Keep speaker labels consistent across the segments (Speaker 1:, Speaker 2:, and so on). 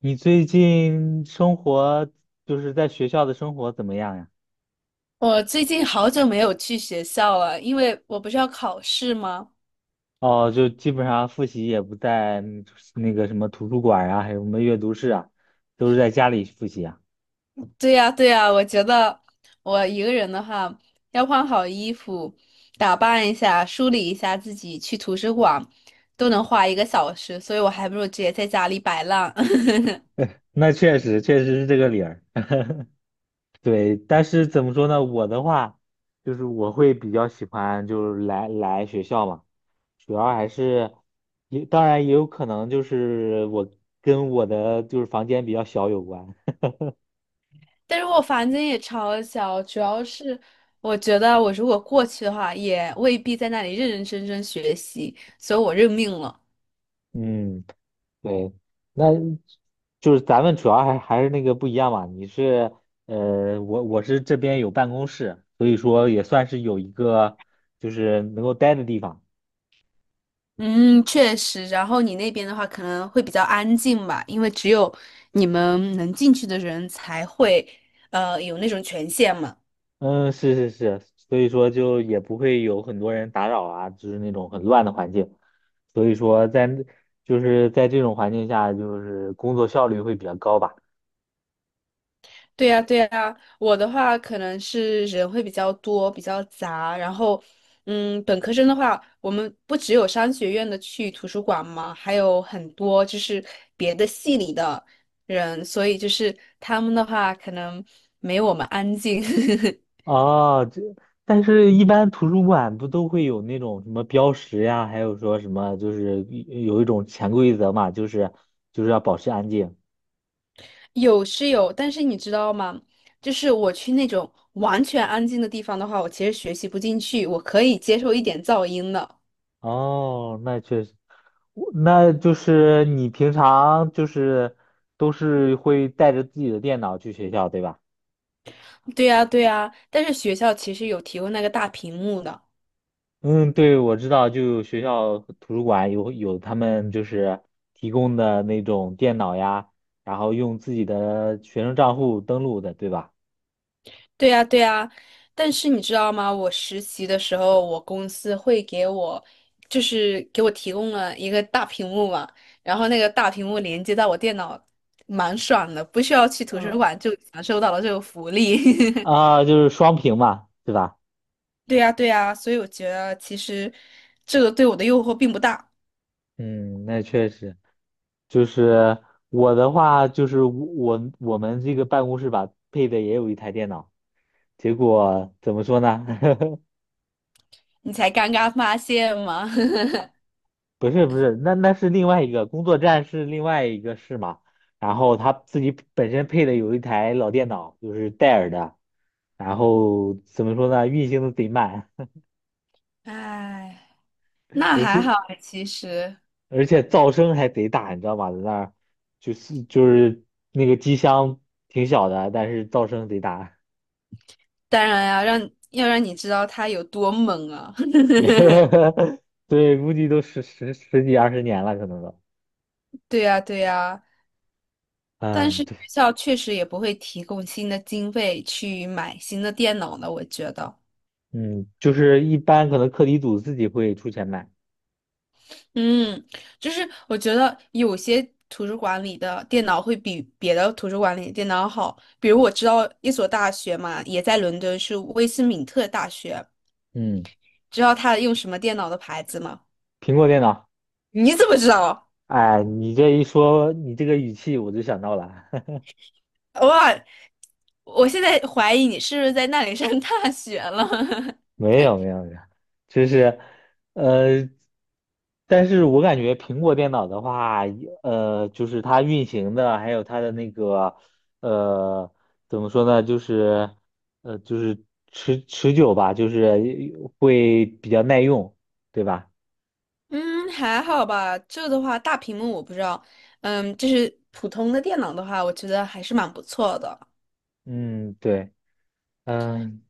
Speaker 1: 你最近生活就是在学校的生活怎么样呀？
Speaker 2: 我最近好久没有去学校了，因为我不是要考试吗？
Speaker 1: 哦，就基本上复习也不在那个什么图书馆啊，还有什么阅读室啊，都是在家里复习啊。
Speaker 2: 对呀，对呀，我觉得我一个人的话，要换好衣服，打扮一下，梳理一下自己，去图书馆都能花1个小时，所以我还不如直接在家里摆烂。
Speaker 1: 那确实是这个理儿。对，但是怎么说呢？我的话，就是我会比较喜欢，就是来学校嘛，主要还是也当然也有可能就是我跟我的就是房间比较小有关。
Speaker 2: 但是我房间也超小，主要是我觉得我如果过去的话，也未必在那里认认真真学习，所以我认命了。
Speaker 1: 嗯。对，那就是咱们主要还是那个不一样嘛。我是这边有办公室，所以说也算是有一个就是能够待的地方。
Speaker 2: 嗯，确实。然后你那边的话，可能会比较安静吧，因为只有你们能进去的人才会，有那种权限嘛。
Speaker 1: 嗯，是是是，所以说就也不会有很多人打扰啊，就是那种很乱的环境。所以说就是在这种环境下，就是工作效率会比较高吧。
Speaker 2: 对呀，对呀。我的话，可能是人会比较多，比较杂。然后，本科生的话，我们不只有商学院的去图书馆嘛，还有很多就是别的系里的人，所以就是他们的话，可能没有我们安静。
Speaker 1: 哦，但是，一般图书馆不都会有那种什么标识呀，还有说什么，就是一种潜规则嘛，就是要保持安静。
Speaker 2: 有是有，但是你知道吗？就是我去那种完全安静的地方的话，我其实学习不进去，我可以接受一点噪音的。
Speaker 1: 哦，那确实，就是你平常就是都是会带着自己的电脑去学校，对吧？
Speaker 2: 对呀，对呀，但是学校其实有提供那个大屏幕的。
Speaker 1: 嗯，对，我知道，就有学校图书馆有他们就是提供的那种电脑呀，然后用自己的学生账户登录的，对吧？
Speaker 2: 对呀，对呀，但是你知道吗？我实习的时候，我公司会给我，就是给我提供了一个大屏幕嘛，然后那个大屏幕连接到我电脑，蛮爽的，不需要去图书馆就享受到了这个福利。
Speaker 1: 啊，就是双屏嘛，对吧？
Speaker 2: 对呀，对呀，所以我觉得其实这个对我的诱惑并不大，
Speaker 1: 嗯，那确实，就是我的话，就是我们这个办公室吧，配的也有一台电脑，结果怎么说呢？
Speaker 2: 你才刚刚发现吗？
Speaker 1: 不是不是，那是另外一个工作站是另外一个室嘛，然后他自己本身配的有一台老电脑，就是戴尔的，然后怎么说呢？运行的贼慢。
Speaker 2: 哎，那
Speaker 1: 而
Speaker 2: 还好
Speaker 1: 且。
Speaker 2: 哎其实，
Speaker 1: 而且噪声还贼大，你知道吗？在那儿就是那个机箱挺小的，但是噪声贼大。
Speaker 2: 当然呀，让要让你知道它有多猛啊！
Speaker 1: 对，估计都十几20年了，可能都。
Speaker 2: 对呀，对呀，但
Speaker 1: 嗯，
Speaker 2: 是学
Speaker 1: 对，
Speaker 2: 校确实也不会提供新的经费去买新的电脑呢，我觉得。
Speaker 1: 嗯，就是一般可能课题组自己会出钱买。
Speaker 2: 嗯，就是我觉得有些图书馆里的电脑会比别的图书馆里的电脑好。比如我知道一所大学嘛，也在伦敦，是威斯敏特大学。
Speaker 1: 嗯，
Speaker 2: 知道他用什么电脑的牌子吗？
Speaker 1: 苹果电脑。
Speaker 2: 你怎么知道？
Speaker 1: 哎，你这一说，你这个语气我就想到了。
Speaker 2: 哇，我现在怀疑你是不是在那里上大学了。
Speaker 1: 没有没有没有，就是，呃，但是我感觉苹果电脑的话，就是它运行的，还有它的那个，呃，怎么说呢，就是，就是持久吧，就是会比较耐用，对吧？
Speaker 2: 嗯，还好吧。这的话，大屏幕我不知道。嗯，就是普通的电脑的话，我觉得还是蛮不错的。
Speaker 1: 嗯，对。嗯，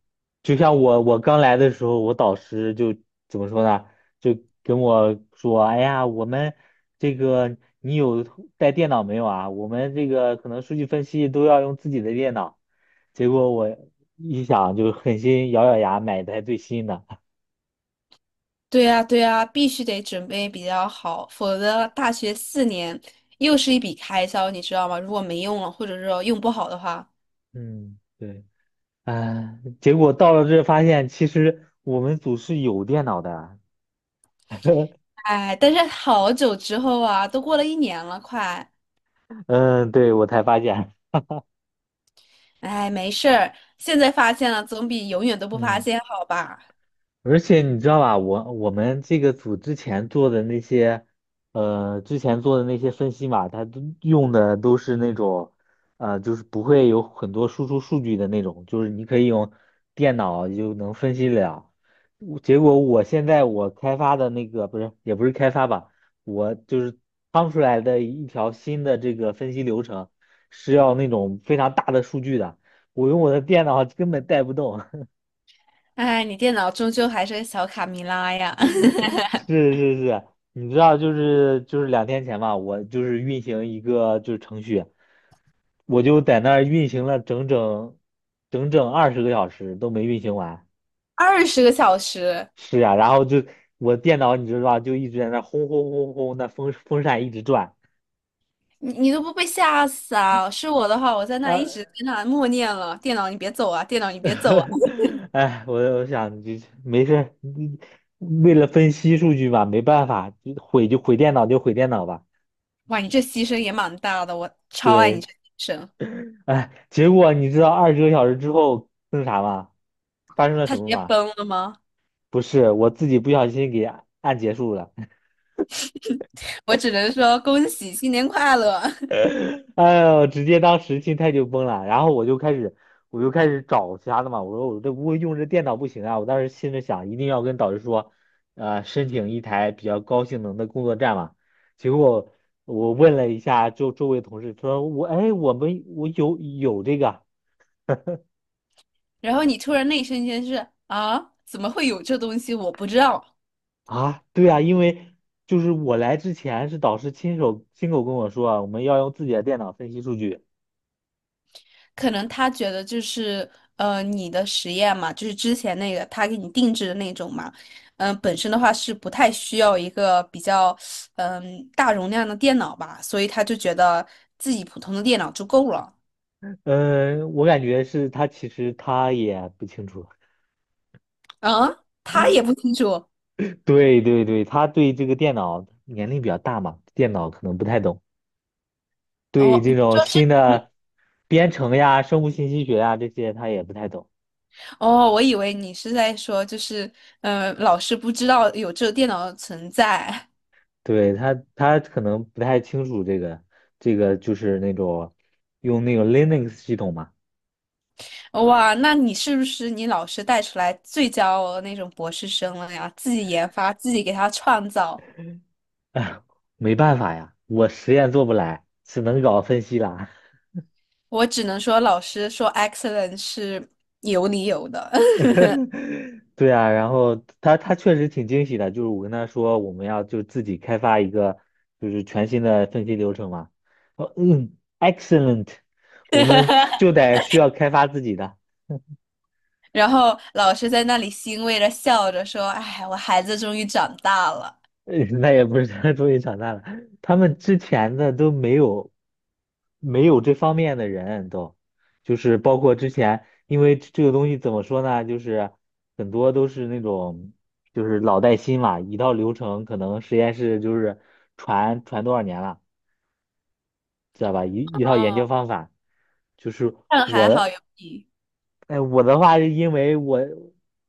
Speaker 1: 就像我刚来的时候，我导师就怎么说呢？就跟我说：“哎呀，我们这个你有带电脑没有啊？我们这个可能数据分析都要用自己的电脑。”结果我一想，就狠心咬咬牙买的台最新的。
Speaker 2: 对呀，对呀，必须得准备比较好，否则大学4年又是一笔开销，你知道吗？如果没用了，或者是说用不好的话，
Speaker 1: 嗯，对，哎，结果到了这发现，其实我们组是有电脑的啊。
Speaker 2: 哎，但是好久之后啊，都过了一年了，快，
Speaker 1: 嗯，对，我才发现。
Speaker 2: 哎，没事儿，现在发现了总比永远都 不发
Speaker 1: 嗯。
Speaker 2: 现好吧？
Speaker 1: 而且你知道吧，我们这个组之前做的那些，之前做的那些分析嘛，它都用的都是那种，就是不会有很多输出数据的那种，就是你可以用电脑就能分析了。结果我现在我开发的那个不是，也不是开发吧，我就是趟出来的一条新的这个分析流程，是要那种非常大的数据的，我用我的电脑根本带不动。
Speaker 2: 哎，你电脑终究还是个小卡米拉呀，
Speaker 1: 是是是，你知道，就是2天前吧，我就是运行一个就是程序，我就在那儿运行了整整二十个小时都没运行完。
Speaker 2: 20个小时，
Speaker 1: 是呀，然后就我电脑你知道吧，就一直在那儿轰轰轰轰，那风扇一直转。
Speaker 2: 你你都不被吓死啊？是我的话，我在那一直
Speaker 1: 二，
Speaker 2: 跟他默念了，电脑你别走啊，电脑你别走啊。
Speaker 1: 哎，我想就没事儿为了分析数据嘛，没办法，就毁就毁电脑就毁电脑吧。
Speaker 2: 哇，你这牺牲也蛮大的，我超爱你
Speaker 1: 对，
Speaker 2: 这牺牲。
Speaker 1: 哎，结果你知道二十个小时之后那啥吗？发生了
Speaker 2: 他
Speaker 1: 什
Speaker 2: 直
Speaker 1: 么
Speaker 2: 接
Speaker 1: 吗？
Speaker 2: 崩了吗？
Speaker 1: 不是，我自己不小心给按结束了。
Speaker 2: 我只能说恭喜新年快乐。
Speaker 1: 哎呦，直接当时心态就崩了。然后我就开始找其他的嘛。我说我这不会用这电脑不行啊。我当时心里想，一定要跟导师说，申请一台比较高性能的工作站嘛。结果我问了一下周围同事，说我哎，我们我有这个。
Speaker 2: 然后你突然那一瞬间是啊，怎么会有这东西？我不知道。
Speaker 1: 啊，对啊，因为就是我来之前是导师亲手亲口跟我说啊，我们要用自己的电脑分析数据。
Speaker 2: 可能他觉得就是你的实验嘛，就是之前那个他给你定制的那种嘛，本身的话是不太需要一个比较大容量的电脑吧，所以他就觉得自己普通的电脑就够了。
Speaker 1: 嗯，我感觉是他其实他也不清楚。
Speaker 2: 啊，他也不清楚。
Speaker 1: 对对对，他对这个电脑年龄比较大嘛，电脑可能不太懂。对
Speaker 2: 哦，
Speaker 1: 这
Speaker 2: 你
Speaker 1: 种
Speaker 2: 说是
Speaker 1: 新的编程呀、生物信息学呀这些，他也不太懂。
Speaker 2: 哦，我以为你是在说，就是，嗯，老师不知道有这个电脑的存在。
Speaker 1: 对他，他可能不太清楚这个就是那种用那个 Linux 系统嘛。
Speaker 2: 哇，那你是不是你老师带出来最骄傲的那种博士生了呀？自己研发，自己给他创造。
Speaker 1: 哎，没办法呀，我实验做不来，只能搞分析啦。
Speaker 2: 我只能说，老师说 excellent 是有理由的。
Speaker 1: 对啊，然后他确实挺惊喜的，就是我跟他说我们要就自己开发一个就是全新的分析流程嘛。哦，嗯，excellent，我们就 得需要开发自己的。
Speaker 2: 然后老师在那里欣慰的笑着说：“哎，我孩子终于长大了。”
Speaker 1: 那也不是他 终于长大了，他们之前的都没有这方面的人都，就是包括之前，因为这个东西怎么说呢，就是很多都是那种就是老带新嘛，一套流程可能实验室就是传多少年了，知道吧？一套研究
Speaker 2: 哦，
Speaker 1: 方法，就是
Speaker 2: 但
Speaker 1: 我
Speaker 2: 还好有
Speaker 1: 的，
Speaker 2: 你。
Speaker 1: 哎，我的话是因为我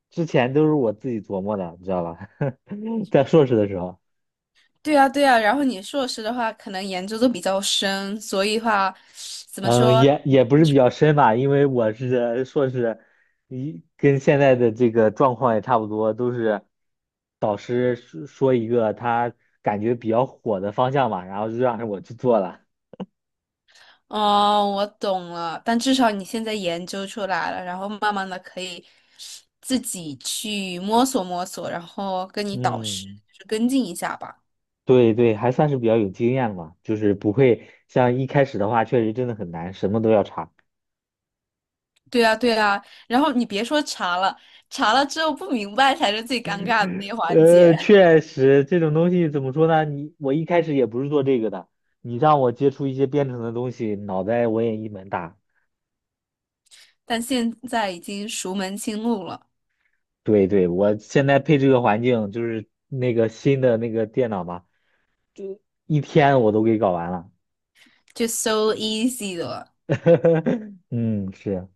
Speaker 1: 之前都是我自己琢磨的，你知道吧？在硕士的时候。
Speaker 2: 对啊，对啊，然后你硕士的话，可能研究都比较深，所以话，怎么
Speaker 1: 嗯，
Speaker 2: 说？
Speaker 1: 也不是比较深吧，因为我是硕士，跟现在的这个状况也差不多，都是导师说说一个他感觉比较火的方向嘛，然后就让我去做了。
Speaker 2: 哦，我懂了。但至少你现在研究出来了，然后慢慢的可以自己去摸索摸索，然后跟你导师
Speaker 1: 嗯，
Speaker 2: 就是跟进一下吧。
Speaker 1: 对对，还算是比较有经验嘛，就是不会像一开始的话，确实真的很难，什么都要查。
Speaker 2: 对啊，对啊。然后你别说查了，查了之后不明白才是最尴尬的那一环节，
Speaker 1: 确实这种东西怎么说呢？我一开始也不是做这个的，你让我接触一些编程的东西，脑袋我也一门大。
Speaker 2: 但现在已经熟门清路了，
Speaker 1: 对对，我现在配这个环境就是那个新的那个电脑吧，一天我都给搞完了。
Speaker 2: 就 so easy 了。
Speaker 1: 嗯，是。